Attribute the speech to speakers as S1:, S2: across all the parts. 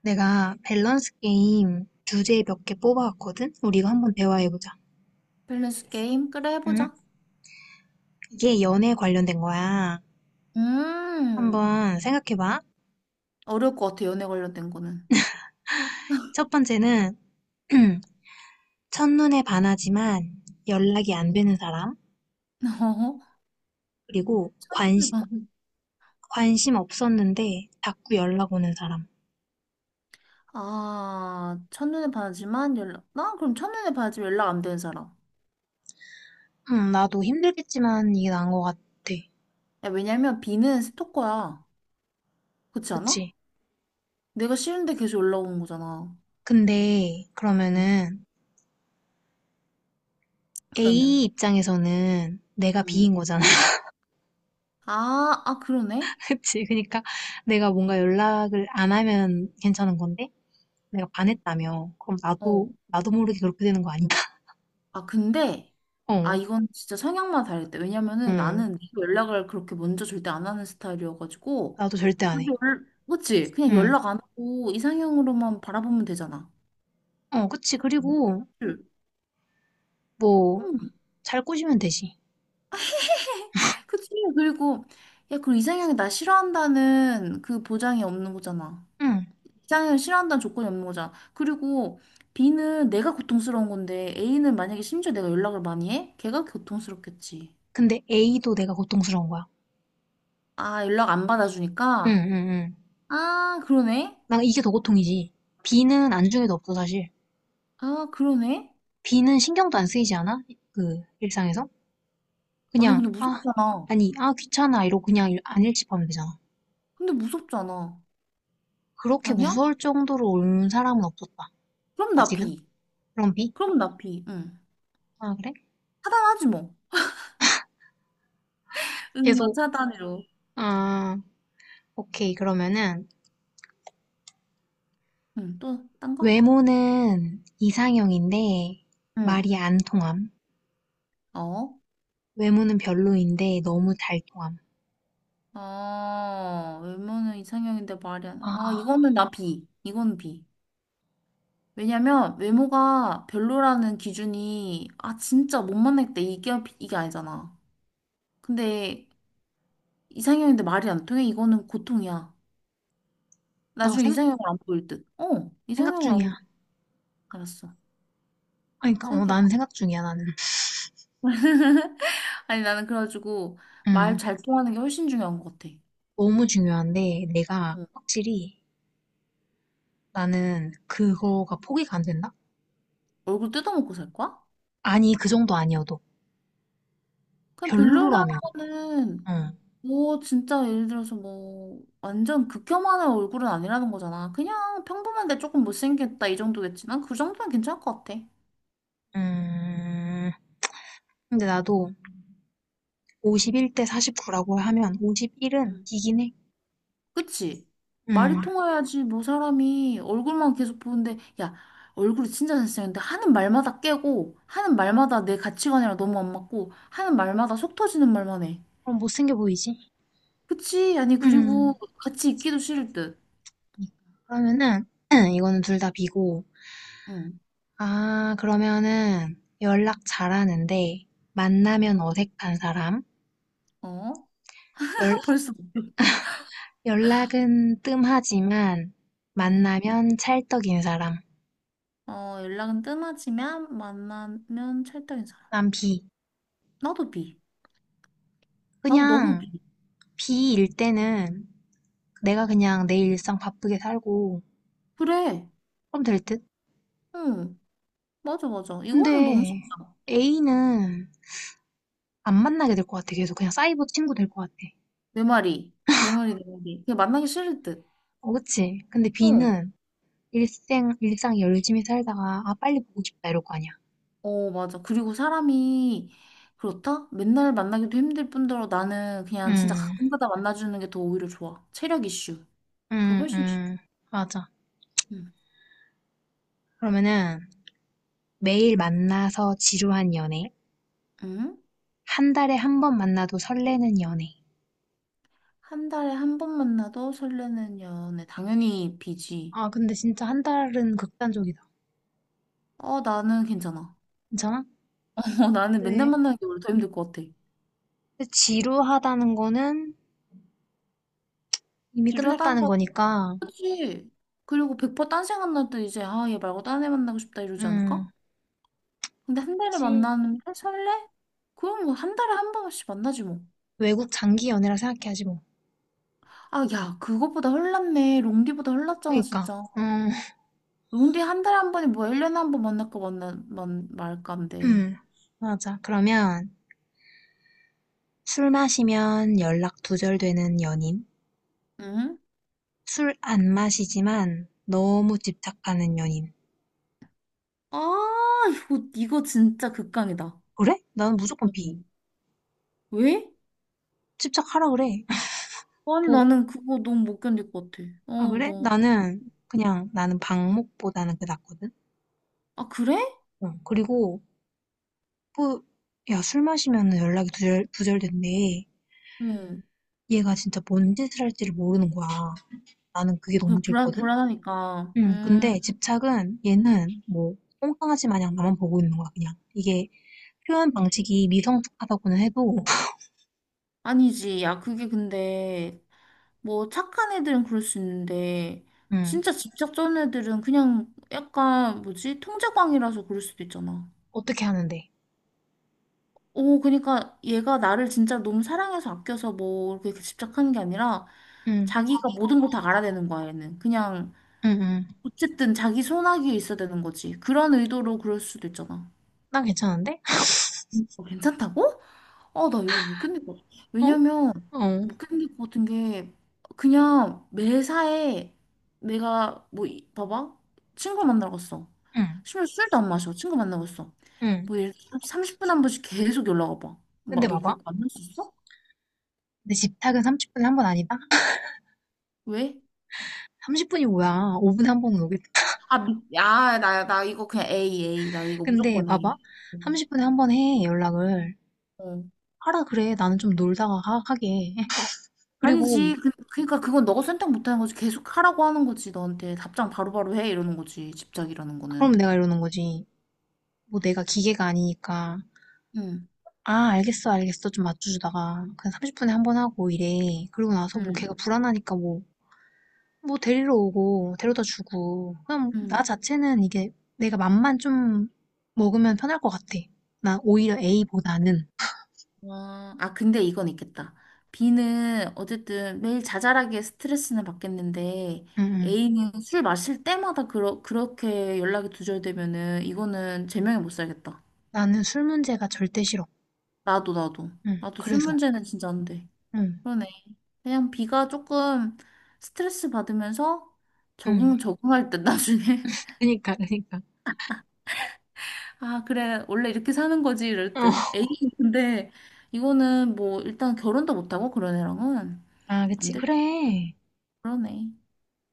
S1: 내가 밸런스 게임 주제 몇 개 뽑아왔거든? 우리 이거 한번 대화해보자.
S2: 밸런스 게임? 그래,
S1: 응?
S2: 해보자.
S1: 이게 연애에 관련된 거야.
S2: 음,
S1: 한번 생각해봐.
S2: 어려울 것 같아, 연애 관련된 거는.
S1: 첫 번째는, 첫눈에 반하지만 연락이 안 되는 사람.
S2: 어?
S1: 그리고
S2: 첫눈에
S1: 관심,
S2: 반.
S1: 관심 없었는데 자꾸 연락 오는 사람.
S2: 아, 첫눈에 반하지만 연락. 나 그럼 첫눈에 반하지만 연락 안 되는 사람.
S1: 응, 나도 힘들겠지만 이게 나은 것 같아.
S2: 야, 왜냐면 B는 스토커야. 그렇지 않아?
S1: 그치?
S2: 내가 싫은데 계속 연락 오는 거잖아.
S1: 근데,
S2: 음,
S1: 그러면은, A
S2: 그러면.
S1: 입장에서는 내가
S2: 음.
S1: B인 거잖아.
S2: 아, 아, 그러네?
S1: 그치. 그러니까 내가 뭔가 연락을 안 하면 괜찮은 건데 내가 반했다며. 그럼
S2: 어.
S1: 나도 모르게 그렇게 되는 거 아닌가?
S2: 아, 근데. 아,
S1: 어,
S2: 이건 진짜 성향만 다를 때. 왜냐면은
S1: 응.
S2: 나는 네가 연락을 그렇게 먼저 절대 안 하는 스타일이어가지고.
S1: 나도 절대 안
S2: 근데
S1: 해.
S2: 그치? 그냥
S1: 응.
S2: 연락 안 하고 이상형으로만 바라보면 되잖아.
S1: 그치. 그리고
S2: 그치?
S1: 뭐
S2: 응,
S1: 잘 꼬시면 되지.
S2: 그치? 그리고, 야, 그 이상형이 나 싫어한다는 그 보장이 없는 거잖아.
S1: 응.
S2: 이상형을 싫어한다는 조건이 없는 거잖아. 그리고 B는 내가 고통스러운 건데 A는 만약에 심지어 내가 연락을 많이 해? 걔가 고통스럽겠지.
S1: 근데 A도 내가 고통스러운 거야.
S2: 아, 연락 안
S1: 응,
S2: 받아주니까?
S1: 응, 응.
S2: 아, 그러네?
S1: 나 이게 더 고통이지. B는 안중에도 없어 사실.
S2: 아, 그러네?
S1: B는 신경도 안 쓰이지 않아? 그 일상에서?
S2: 아니,
S1: 그냥
S2: 근데
S1: 아
S2: 무섭잖아.
S1: 아니 아 귀찮아 이러고 그냥 안 일집하면 되잖아.
S2: 근데 무섭잖아.
S1: 그렇게
S2: 아니야?
S1: 무서울 정도로 온 사람은 없었다.
S2: 그럼
S1: 아,
S2: 나
S1: 지금?
S2: B.
S1: 그럼 B?
S2: 그럼 나 B. 응.
S1: 아, 그래?
S2: 차단하지 뭐. 응, 너
S1: 계속.
S2: 차단으로.
S1: 아, 오케이. 그러면은,
S2: 응, 또, 딴 거?
S1: 외모는 이상형인데,
S2: 응.
S1: 말이 안 통함.
S2: 어?
S1: 외모는 별로인데, 너무 잘 통함.
S2: 아, 외모는 이상형인데 말이 안 나. 아,
S1: 아,
S2: 이거는 나 B. 이건 B. 왜냐면 외모가 별로라는 기준이 아 진짜 못 만나겠다 이게 이게 아니잖아. 근데 이상형인데 말이 안 통해 이거는 고통이야.
S1: 나
S2: 나중에
S1: 생,
S2: 이상형을 안 보일 듯. 어,
S1: 생각
S2: 이상형을 안
S1: 중이야.
S2: 보일 듯. 알았어.
S1: 아니, 그러니까, 난
S2: 생각해봐.
S1: 생각 중이야, 나는.
S2: 아니 나는 그래가지고 말
S1: 음,
S2: 잘 통하는 게 훨씬 중요한 것 같아.
S1: 너무 중요한데, 내가
S2: 응.
S1: 확실히, 나는 그거가 포기가 안 된다?
S2: 얼굴 뜯어먹고 살 거야?
S1: 아니, 그 정도 아니어도.
S2: 그냥
S1: 별로라면.
S2: 별로라고는
S1: 응.
S2: 뭐 진짜 예를 들어서 뭐 완전 극혐하는 얼굴은 아니라는 거잖아. 그냥 평범한데 조금 못생겼다 이 정도겠지. 난 그 정도면 괜찮을 것 같아.
S1: 음, 근데 나도 51대 49라고 하면 51은
S2: 음.
S1: 이긴 해.
S2: 그치? 말이
S1: 음,
S2: 통해야지 뭐 사람이 얼굴만 계속 보는데 야 얼굴이 진짜 잘생겼는데 하는 말마다 깨고 하는 말마다 내 가치관이랑 너무 안 맞고 하는 말마다 속 터지는 말만 해.
S1: 그럼 못생겨 보이지?
S2: 그치? 아니 그리고
S1: 음,
S2: 같이 있기도 싫을 듯.
S1: 그러니까. 그러면은, 이거는 둘 다 비고.
S2: 응.
S1: 아, 그러면은, 연락 잘하는데, 만나면 어색한 사람?
S2: 어?
S1: 연,
S2: 벌써.
S1: 연락은 뜸하지만,
S2: 어.
S1: 만나면 찰떡인 사람?
S2: 어, 연락은 뜸하지만 만나면 찰떡인 사람.
S1: 난 비.
S2: 나도 B. 나도 너무 B.
S1: 그냥, 비일 때는, 내가 그냥 내 일상 바쁘게 살고,
S2: 그래.
S1: 그럼 될 듯?
S2: 응. 맞아, 맞아. 이거는 너무
S1: 근데,
S2: 쉽다.
S1: A는 안 만나게 될 것 같아. 계속 그냥 사이버 친구 될 것 같아.
S2: 내 말이. 내 말이, 내 말이. 그냥 만나기 싫을 듯.
S1: 어, 그치? 근데
S2: 어.
S1: B는, 일생 일상 열심히 살다가 아 빨리 보고 싶다 이럴 거 아니야.
S2: 어, 맞아. 그리고 사람이 그렇다? 맨날 만나기도 힘들 뿐더러 나는 그냥 진짜
S1: 음,
S2: 가끔 가다 만나주는 게 더 오히려 좋아. 체력 이슈. 그거
S1: 음,
S2: 훨씬 좋아.
S1: 음, 맞아.
S2: 응.
S1: 그러면은 매일 만나서 지루한 연애,
S2: 응?
S1: 한 달에 한 번 만나도 설레는 연애.
S2: 한 달에 한 번 만나도 설레는 연애. 당연히 B지.
S1: 아 근데 진짜 한 달은 극단적이다.
S2: 어, 나는 괜찮아.
S1: 괜찮아?
S2: 어, 나는 맨날
S1: 네.
S2: 만나는 게 오히려 더 힘들 것 같아.
S1: 근데 지루하다는 거는 이미
S2: 지루하다는
S1: 끝났다는
S2: 거
S1: 거니까,
S2: 알지? 그리고 100% 딴 생각 날 때 이제 아, 얘 말고 딴 애 만나고 싶다 이러지 않을까?
S1: 음,
S2: 근데 한 달에
S1: 시
S2: 만나면 설레? 그럼 뭐 한 달에 한 번씩 만나지 뭐.
S1: 외국 장기 연애라 생각해야지 뭐.
S2: 아, 야, 그것보다 흘났네. 롱디보다 흘났잖아,
S1: 그러니까,
S2: 진짜.
S1: 음,
S2: 롱디 한 달에 한 번이 뭐야? 1년에 한 번 만날까 만나 만 말까인데.
S1: 음, 맞아. 그러면 술 마시면 연락 두절되는 연인.
S2: 응?
S1: 술 안 마시지만 너무 집착하는 연인.
S2: 아, 이거 진짜 극강이다.
S1: 그래? 나는 무조건 B.
S2: 어머. 왜?
S1: 집착하라 그래.
S2: 아니,
S1: 뭐,
S2: 나는 그거 너무 못 견딜 것 같아.
S1: 아,
S2: 어,
S1: 그래?
S2: 너.
S1: 나는 그냥 나는 방목보다는 그게 낫거든?
S2: 아, 그래?
S1: 어, 그리고 뭐, 야, 술 마시면 연락이 두절된대.
S2: 응.
S1: 얘가 진짜 뭔 짓을 할지를 모르는 거야. 나는 그게
S2: 그
S1: 너무
S2: 불안,
S1: 싫거든?
S2: 불안하니까.
S1: 응, 근데 집착은 얘는 똥강아지 마냥 나만 보고 있는 거야, 그냥. 이게 표현 방식이 미성숙하다고는 해도,
S2: 아니지. 야, 그게 근데, 뭐, 착한 애들은 그럴 수 있는데,
S1: 응,
S2: 진짜 집착 전 애들은 그냥 약간, 뭐지? 통제광이라서 그럴 수도 있잖아.
S1: 어떻게 하는데?
S2: 오, 그러니까 얘가 나를 진짜 너무 사랑해서 아껴서 뭐, 그렇게 집착하는 게 아니라,
S1: 응,
S2: 자기가 모든 걸 다 알아야 되는 거야, 얘는. 그냥,
S1: 응, 응.
S2: 어쨌든 자기 손아귀에 있어야 되는 거지. 그런 의도로 그럴 수도 있잖아.
S1: 난 괜찮은데?
S2: 어, 괜찮다고? 아, 나 이거 못 견딜 것 같아.
S1: 어?
S2: 왜냐면,
S1: 어.
S2: 못 견딜 것 같은 게, 그냥 매사에 내가, 뭐, 봐봐. 친구 만나러 갔어.
S1: 응.
S2: 심지어 술도 안 마셔. 친구 만나러 갔어.
S1: 응.
S2: 뭐, 예를 들어 30분 한 번씩 계속 연락 와봐. 막,
S1: 근데
S2: 너
S1: 봐봐.
S2: 그거 만날 수 있어?
S1: 근데 집탁은 30분에 한 번 아니다?
S2: 왜?
S1: 30분이 뭐야. 5분에 한 번은 오겠다.
S2: 아, 야, 나 이거 그냥 A, A. 나 이거
S1: 근데
S2: 무조건
S1: 봐봐.
S2: A.
S1: 30분에 한 번 해, 연락을.
S2: 어.
S1: 하라 그래. 나는 좀 놀다가 하게. 그리고
S2: 아니지. 그러니까 그건 너가 선택 못하는 거지. 계속 하라고 하는 거지. 너한테 답장 바로바로 해. 이러는 거지. 집착이라는
S1: 그럼
S2: 거는.
S1: 내가 이러는 거지. 뭐 내가 기계가 아니니까.
S2: 응,
S1: 아, 알겠어, 알겠어. 좀 맞춰주다가. 그냥 30분에 한 번 하고 이래. 그러고 나서 뭐
S2: 응,
S1: 걔가 불안하니까 뭐 데리러 오고 데려다 주고 그냥
S2: 응.
S1: 나 자체는 이게 내가 맘만 좀 먹으면 편할 것 같아. 나 오히려 A보다는
S2: 아, 아, 근데 이건 있겠다. B는 어쨌든 매일 자잘하게 스트레스는 받겠는데,
S1: 응 응,
S2: A는 술 마실 때마다 그렇게 연락이 두절되면은, 이거는 제명에 못 살겠다.
S1: 나는 술 문제가 절대 싫어.
S2: 나도, 나도.
S1: 응,
S2: 나도 술
S1: 그래서
S2: 문제는 진짜 안 돼.
S1: 응,
S2: 그러네. 그냥 B가 조금 스트레스 받으면서
S1: 응.
S2: 적응할 듯, 나중에.
S1: 그니까 그니까.
S2: 아, 그래. 원래 이렇게 사는 거지, 이럴
S1: 어.
S2: 듯. A는 근데, 이거는 뭐, 일단 결혼도 못하고, 그런 애랑은.
S1: 아
S2: 안
S1: 그치
S2: 될, 듯.
S1: 그래.
S2: 그러네.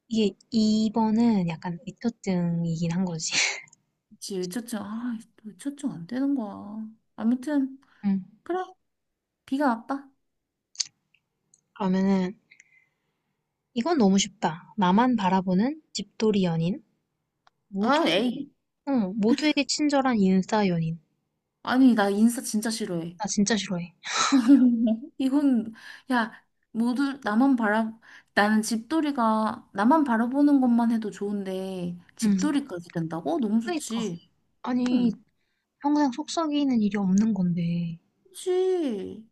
S1: 이게 2번은 약간 미처증이긴 한 거지.
S2: 그치, 외초증. 아, 또 외초증 안 되는 거야. 아무튼,
S1: 응.
S2: 그래. 비가 와빠
S1: 그러면은 이건 너무 쉽다. 나만 바라보는 집돌이 연인
S2: 아,
S1: 모두에게
S2: 에이.
S1: 모두에게 친절한 인싸 연인.
S2: 아니, 나 인사 진짜 싫어해.
S1: 나 진짜 싫어해.
S2: 이건 야, 모두 나만 바라, 나는 집돌이가, 나만 바라보는 것만 해도 좋은데,
S1: 응.
S2: 집돌이까지 된다고? 너무
S1: 그니까.
S2: 좋지. 응,
S1: 아니, 평생 속 썩이는 일이 없는 건데.
S2: 그치.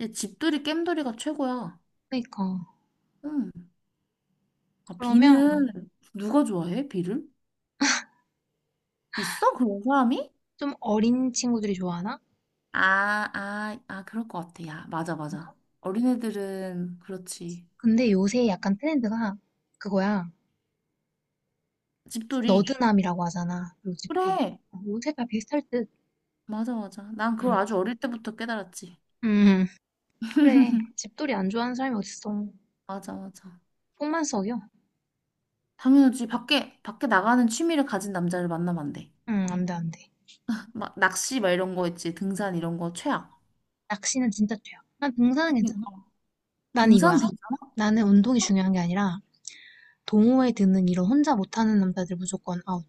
S2: 야, 집돌이, 겜돌이가 최고야.
S1: 그니까.
S2: 응. 아,
S1: 그러면
S2: 비는, 누가 좋아해, 비를? 있어? 그런 사람이?
S1: 좀 어린 친구들이 좋아하나?
S2: 아, 아, 아, 그럴 것 같아. 야, 맞아,
S1: 뭔가?
S2: 맞아. 어린애들은 그렇지.
S1: 근데 요새 약간 트렌드가 그거야.
S2: 집돌이.
S1: 너드남이라고 하잖아. 그리고 집돌이.
S2: 그래.
S1: 어, 요새 다 비슷할 듯.
S2: 맞아, 맞아. 난 그걸
S1: 응.
S2: 아주 어릴 때부터 깨달았지.
S1: 음, 그래. 집돌이 안 좋아하는 사람이 어딨어.
S2: 맞아, 맞아.
S1: 속만 썩여.
S2: 당연하지. 밖에, 밖에 나가는 취미를 가진 남자를 만나면 안 돼.
S1: 응, 안 돼, 안 돼.
S2: 막 낚시 막 이런 거 있지. 등산 이런 거 최악.
S1: 낚시는 진짜 죄야. 난 등산은 괜찮아.
S2: 그러니까.
S1: 난 이거야.
S2: 등산 괜찮아?
S1: 나는 운동이
S2: 어,
S1: 중요한 게 아니라 동호회 드는 이런 혼자 못하는 남자들 무조건 아웃.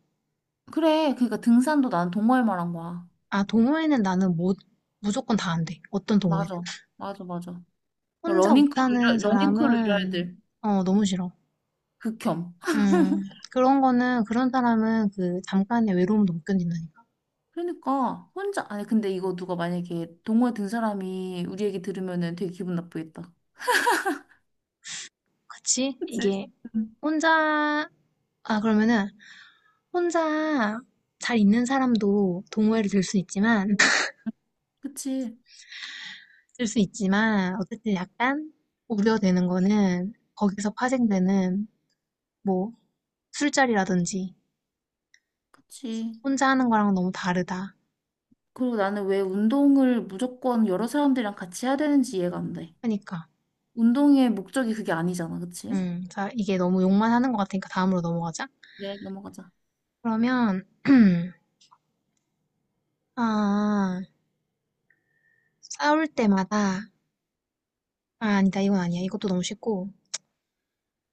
S2: 그래. 그러니까 등산도 난 동호회 말한 거야.
S1: 아, 동호회는 나는 못, 무조건 다 안 돼. 어떤 동호회든.
S2: 맞아. 맞아, 맞아. 뭐
S1: 혼자
S2: 러닝크루,
S1: 못하는
S2: 러닝크루 이런
S1: 사람은,
S2: 애들.
S1: 어, 너무 싫어.
S2: 극혐.
S1: 음, 그런 거는, 그런 사람은 그 잠깐의 외로움도 못 견딘다니까.
S2: 그러니까 혼자 아니 근데 이거 누가 만약에 동호회 든 사람이 우리 얘기 들으면은 되게 기분 나쁘겠다.
S1: 그치?
S2: 그치?
S1: 이게,
S2: 응.
S1: 혼자, 아, 그러면은, 혼자 잘 있는 사람도 동호회를 들 수 있지만,
S2: 그치?
S1: 들 수 있지만, 어쨌든 약간 우려되는 거는, 거기서 파생되는, 뭐, 술자리라든지,
S2: 그치.
S1: 혼자 하는 거랑 너무 다르다.
S2: 그리고 나는 왜 운동을 무조건 여러 사람들이랑 같이 해야 되는지 이해가 안 돼.
S1: 하니까.
S2: 운동의 목적이 그게 아니잖아. 그치?
S1: 자, 이게 너무 욕만 하는 것 같으니까 다음으로 넘어가자.
S2: 그래, 넘어가자.
S1: 그러면, 아, 싸울 때마다, 아니다, 이건 아니야. 이것도 너무 쉽고.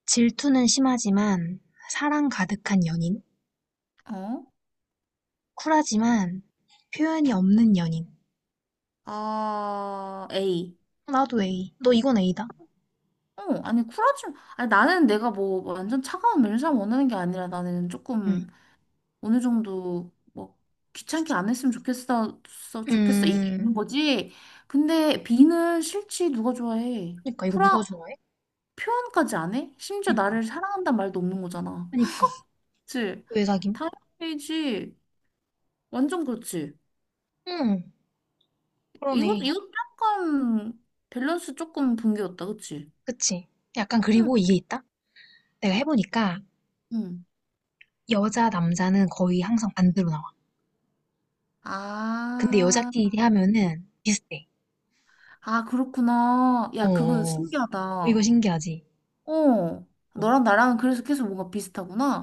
S1: 질투는 심하지만, 사랑 가득한 연인.
S2: 어?
S1: 쿨하지만, 표현이 없는 연인.
S2: 아, A.
S1: 나도 A. 너 이건 A다.
S2: 어, 아니, 쿨하지. 아니, 나는 내가 뭐 완전 차가운 면상 원하는 게 아니라 나는
S1: 응.
S2: 조금 어느 정도 뭐 귀찮게 안 했으면 좋겠어, 좋겠어 이거 있는
S1: 음,
S2: 거지. 근데 B는 싫지 누가 좋아해?
S1: 그니까, 이거
S2: 쿨한
S1: 누가 좋아해?
S2: 표현까지 안 해? 심지어
S1: 그니까.
S2: 나를 사랑한다는 말도 없는 거잖아.
S1: 그니까.
S2: 그치?
S1: 왜 사김?
S2: 당연히지. 완전 그렇지.
S1: 응,
S2: 이것
S1: 그러네.
S2: 이것 약간 밸런스 조금 붕괴였다, 그치?
S1: 그치. 약간,
S2: 응,
S1: 그리고 이게 있다? 내가 해보니까,
S2: 응.
S1: 남자는 거의 항상 반대로 나와. 근데
S2: 아,
S1: 여자끼리 하면은 비슷해.
S2: 아 그렇구나.
S1: 어,
S2: 야, 그거
S1: 어.
S2: 신기하다.
S1: 이거 신기하지?
S2: 어,
S1: 어,
S2: 너랑 나랑 그래서 계속 뭔가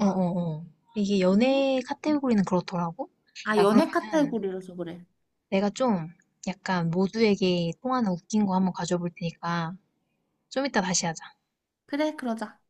S1: 어. 어. 이게
S2: 응?
S1: 연애 카테고리는 그렇더라고?
S2: 아,
S1: 야,
S2: 연애
S1: 그러면은
S2: 카테고리라서 그래.
S1: 내가 좀 약간 모두에게 통하는 웃긴 거 한번 가져볼 테니까 좀 이따 다시 하자.
S2: 그래, 그러자.